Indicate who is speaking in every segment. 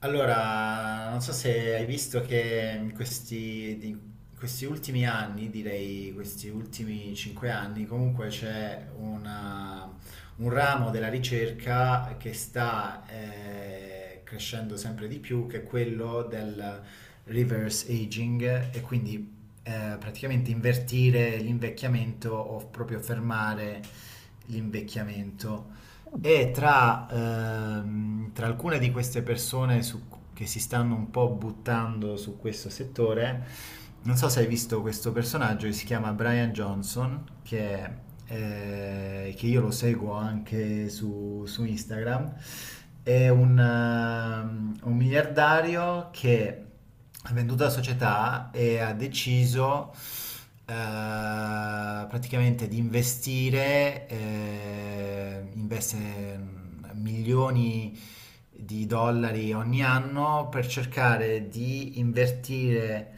Speaker 1: Allora, non so se hai visto che in questi ultimi anni, direi questi ultimi 5 anni, comunque c'è un ramo della ricerca che sta crescendo sempre di più, che è quello del reverse aging e quindi praticamente invertire l'invecchiamento o proprio fermare l'invecchiamento. E tra alcune di queste persone che si stanno un po' buttando su questo settore, non so se hai visto questo personaggio che si chiama Brian Johnson, che io lo seguo anche su Instagram. È un miliardario che ha venduto la società e ha deciso eh, praticamente di investe milioni di dollari ogni anno per cercare di invertire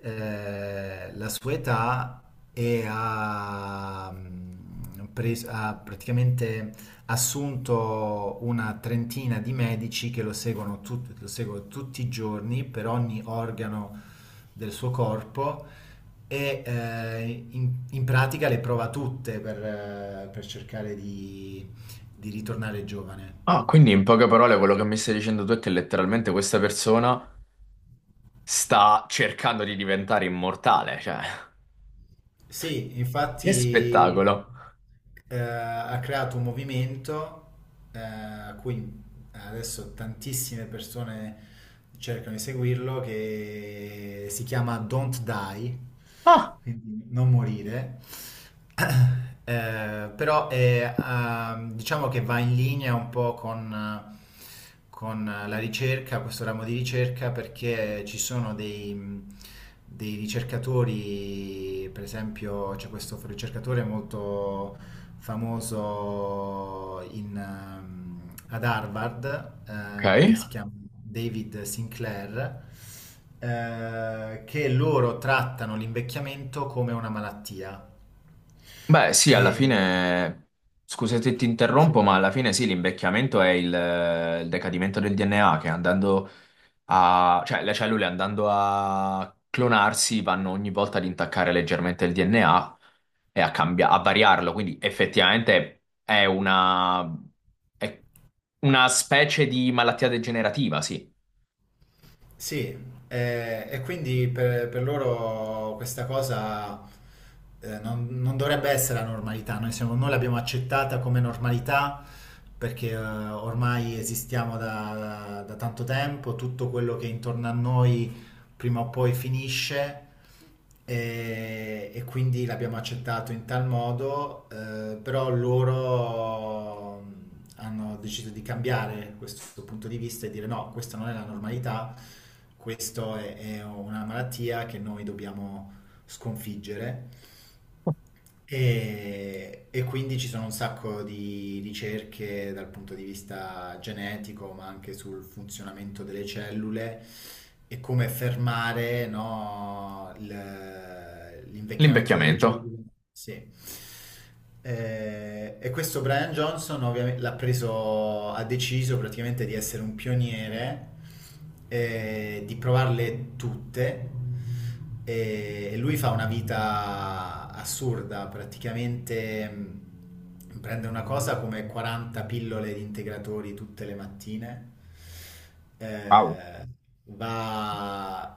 Speaker 1: la sua età e ha praticamente assunto una trentina di medici che lo seguono, lo seguono tutti i giorni per ogni organo del suo corpo e in pratica le prova tutte per cercare di ritornare giovane.
Speaker 2: Ah, quindi in poche parole quello che mi stai dicendo tu è che letteralmente questa persona sta cercando di diventare immortale, cioè,
Speaker 1: Sì,
Speaker 2: che
Speaker 1: infatti
Speaker 2: spettacolo.
Speaker 1: ha creato un movimento a cui adesso tantissime persone cercano di seguirlo, che si chiama Don't Die,
Speaker 2: Ah,
Speaker 1: quindi non morire. Però diciamo che va in linea un po' con la ricerca, questo ramo di ricerca, perché ci sono dei ricercatori, per esempio c'è questo ricercatore molto famoso ad Harvard,
Speaker 2: ok.
Speaker 1: che si chiama David Sinclair, che loro trattano l'invecchiamento come una malattia.
Speaker 2: Beh, sì,
Speaker 1: E,
Speaker 2: alla fine, scusa se ti
Speaker 1: sì.
Speaker 2: interrompo, ma alla fine sì, l'invecchiamento è il decadimento del DNA che cioè le cellule andando a clonarsi vanno ogni volta ad intaccare leggermente il DNA e a, a variarlo, quindi effettivamente è una specie di malattia degenerativa, sì,
Speaker 1: Sì, e quindi per loro questa cosa non dovrebbe essere la normalità, noi l'abbiamo accettata come normalità perché ormai esistiamo da tanto tempo, tutto quello che è intorno a noi prima o poi finisce e quindi l'abbiamo accettato in tal modo, però loro hanno deciso di cambiare questo punto di vista e dire no, questa non è la normalità, questa è una malattia che noi dobbiamo sconfiggere e quindi ci sono un sacco di ricerche dal punto di vista genetico, ma anche sul funzionamento delle cellule e come fermare, no, l'invecchiamento delle
Speaker 2: l'invecchiamento.
Speaker 1: cellule. Sì. E questo Brian Johnson ovviamente l'ha preso, ha deciso praticamente di essere un pioniere, di provarle tutte. E lui fa una vita assurda, praticamente prende una cosa come 40 pillole di integratori tutte le mattine,
Speaker 2: Wow.
Speaker 1: eh, va,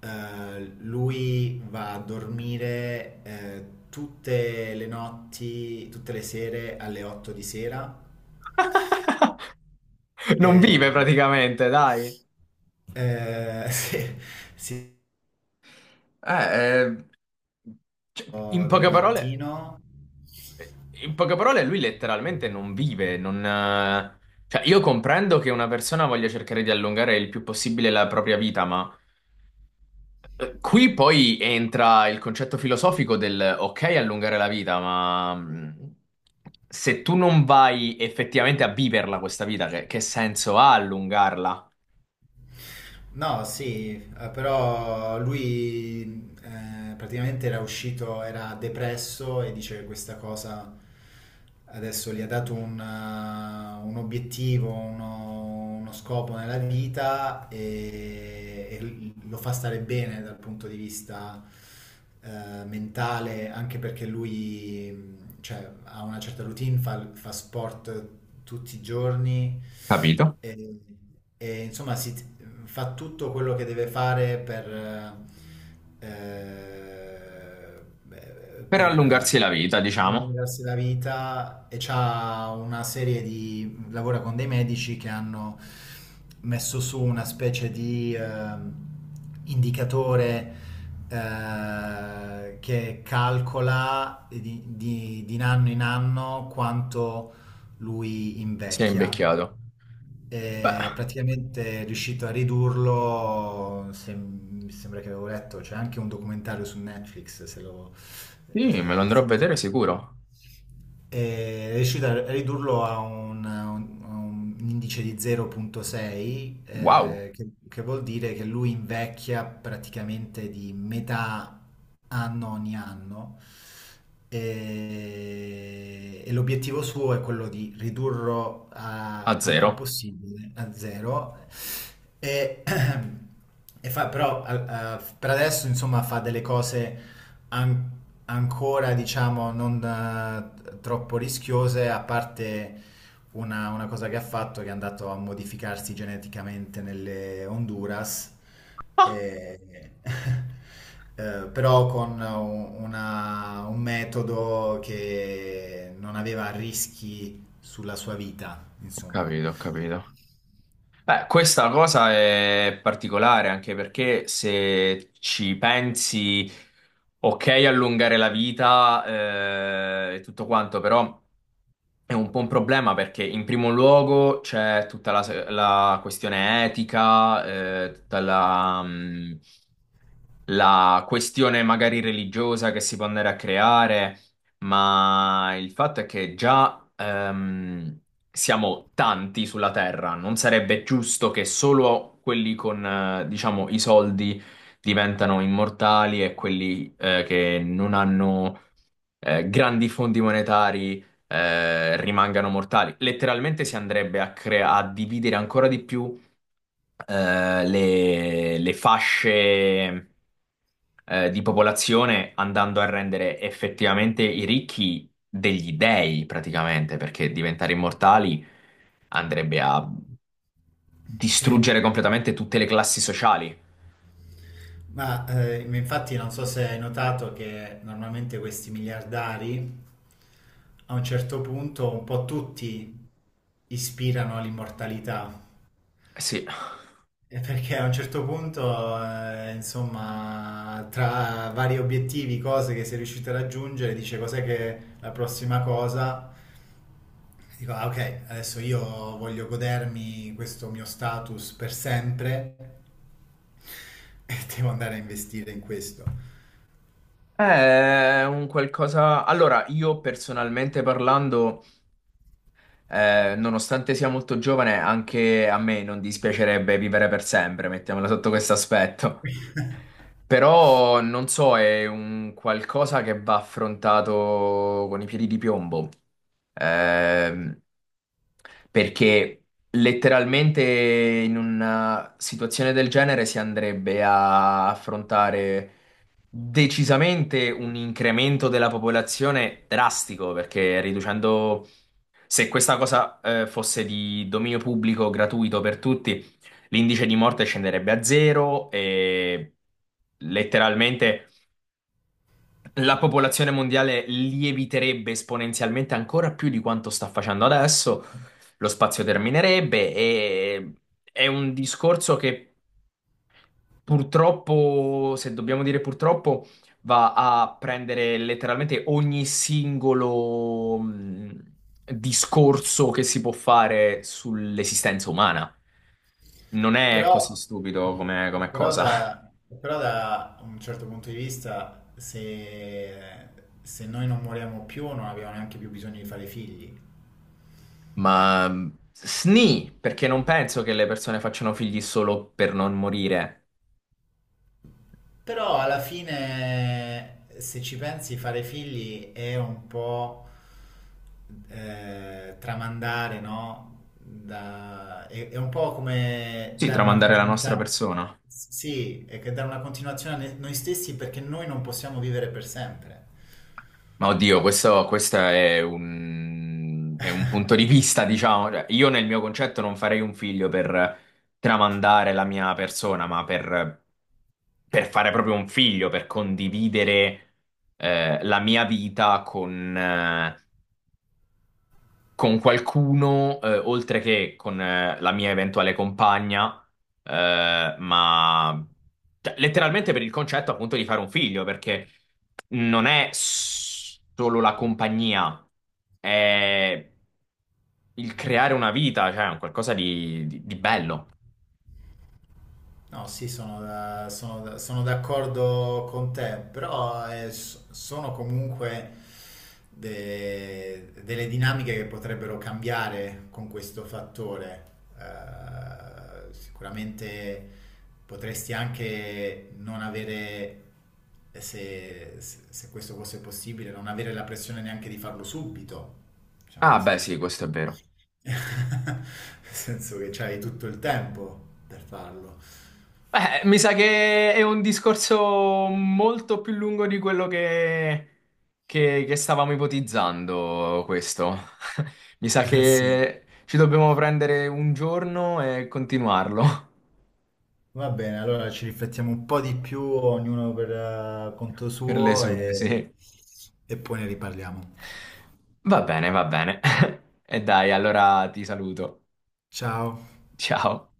Speaker 1: lui va a dormire tutte le notti, tutte le sere alle 8 di sera.
Speaker 2: Non vive
Speaker 1: Eh,
Speaker 2: praticamente, dai.
Speaker 1: sì, sì,
Speaker 2: Eh, eh, Cioè, in
Speaker 1: del
Speaker 2: poche parole.
Speaker 1: mattino.
Speaker 2: In poche parole, lui letteralmente non vive, non... cioè, io comprendo che una persona voglia cercare di allungare il più possibile la propria vita, ma qui poi entra il concetto filosofico del ok, allungare la vita, ma se tu non vai effettivamente a viverla questa vita, che senso ha allungarla?
Speaker 1: No, sì, però lui praticamente era uscito, era depresso e dice che questa cosa adesso gli ha dato un obiettivo, uno scopo nella vita e lo fa stare bene dal punto di vista mentale, anche perché lui cioè, ha una certa routine, fa sport tutti i giorni
Speaker 2: Capito?
Speaker 1: e, insomma si, fa tutto quello che deve fare beh,
Speaker 2: Per
Speaker 1: per
Speaker 2: allungarsi la vita, diciamo,
Speaker 1: guadagnarsi la vita e c'ha una serie di... lavora con dei medici che hanno messo su una specie di indicatore che calcola di anno in anno quanto lui
Speaker 2: si è
Speaker 1: invecchia
Speaker 2: invecchiato. Beh,
Speaker 1: e praticamente è riuscito a ridurlo, mi sembra che avevo letto, c'è anche un documentario su Netflix, se lo...
Speaker 2: sì, me lo andrò a
Speaker 1: se ti
Speaker 2: vedere
Speaker 1: può-
Speaker 2: sicuro.
Speaker 1: E È riuscito a ridurlo a un indice di 0,6,
Speaker 2: Wow,
Speaker 1: che vuol dire che lui invecchia praticamente di metà anno ogni anno e l'obiettivo suo è quello di ridurlo
Speaker 2: a
Speaker 1: al più
Speaker 2: zero.
Speaker 1: possibile a zero e, e fa però per adesso insomma fa delle cose an- ancora diciamo non troppo rischiose a parte una cosa che ha fatto che è andato a modificarsi geneticamente nelle Honduras
Speaker 2: Ah,
Speaker 1: eh, però con un metodo che non aveva rischi sulla sua vita,
Speaker 2: ho
Speaker 1: insomma.
Speaker 2: capito, ho capito. Beh, questa cosa è particolare anche perché se ci pensi, ok, allungare la vita e tutto quanto, però è un po' un problema perché in primo luogo c'è tutta la questione etica, eh, tutta la, mm, la questione magari religiosa che si può andare a creare, ma il fatto è che già siamo tanti sulla Terra, non sarebbe giusto che solo quelli con, diciamo, i soldi diventano immortali e quelli che non hanno grandi fondi monetari rimangano mortali. Letteralmente si andrebbe a dividere ancora di più le fasce di popolazione andando a rendere effettivamente i ricchi degli dei, praticamente, perché diventare immortali andrebbe a
Speaker 1: Sì.
Speaker 2: distruggere completamente tutte le classi sociali.
Speaker 1: Ma infatti non so se hai notato che normalmente questi miliardari a un certo punto un po' tutti ispirano all'immortalità.
Speaker 2: Eh sì,
Speaker 1: E perché a un certo punto, insomma, tra vari obiettivi, cose che sei riuscito a raggiungere, dice cos'è che la prossima cosa? Dico, ah, ok, adesso io voglio godermi questo mio status per sempre e devo andare a investire in questo.
Speaker 2: è un qualcosa... Allora, io personalmente parlando... nonostante sia molto giovane, anche a me non dispiacerebbe vivere per sempre, mettiamola sotto questo aspetto. Però non so, è un qualcosa che va affrontato con i piedi di piombo. Ehm, Perché letteralmente in una situazione del genere si andrebbe a affrontare decisamente un incremento della popolazione drastico, perché riducendo, se questa cosa fosse di dominio pubblico gratuito per tutti, l'indice di morte scenderebbe a zero e letteralmente la popolazione mondiale lieviterebbe esponenzialmente ancora più di quanto sta facendo adesso, lo spazio terminerebbe e è un discorso che purtroppo, se dobbiamo dire purtroppo, va a prendere letteralmente ogni singolo discorso che si può fare sull'esistenza umana. Non è
Speaker 1: Però,
Speaker 2: così stupido come, come
Speaker 1: però
Speaker 2: cosa.
Speaker 1: da, però da un certo punto di vista, se noi non moriamo più, non abbiamo neanche più bisogno di fare figli.
Speaker 2: Ma sni, perché non penso che le persone facciano figli solo per non morire.
Speaker 1: Però alla fine, se ci pensi, fare figli è un po' tramandare, no? È un po' come
Speaker 2: Sì,
Speaker 1: dare una
Speaker 2: tramandare la nostra
Speaker 1: continuità.
Speaker 2: persona.
Speaker 1: Sì, è che dare una continuazione a noi stessi perché noi non possiamo vivere per sempre.
Speaker 2: Ma oddio, questo è è un punto di vista, diciamo. Cioè, io nel mio concetto non farei un figlio per tramandare la mia persona, ma per fare proprio un figlio, per condividere la mia vita con qualcuno, oltre che con la mia eventuale compagna, ma cioè, letteralmente per il concetto appunto di fare un figlio, perché non è s- solo la compagnia è il creare una vita, cioè è un qualcosa di bello.
Speaker 1: No, sì, sono d'accordo con te, però sono comunque delle dinamiche che potrebbero cambiare con questo fattore. Sicuramente potresti anche non avere, se questo fosse possibile, non avere la pressione neanche di farlo subito, diciamo,
Speaker 2: Ah,
Speaker 1: nel
Speaker 2: beh,
Speaker 1: senso
Speaker 2: sì,
Speaker 1: che,
Speaker 2: questo è vero.
Speaker 1: nel senso che c'hai tutto il tempo per farlo.
Speaker 2: Beh, mi sa che è un discorso molto più lungo di quello che stavamo ipotizzando, questo. Mi sa
Speaker 1: Eh sì.
Speaker 2: che ci dobbiamo prendere un giorno e continuarlo
Speaker 1: Va bene, allora ci riflettiamo un po' di più, ognuno per conto
Speaker 2: per le
Speaker 1: suo
Speaker 2: sue,
Speaker 1: e
Speaker 2: sì.
Speaker 1: e poi ne riparliamo.
Speaker 2: Va bene, va bene. E dai, allora ti saluto.
Speaker 1: Ciao.
Speaker 2: Ciao.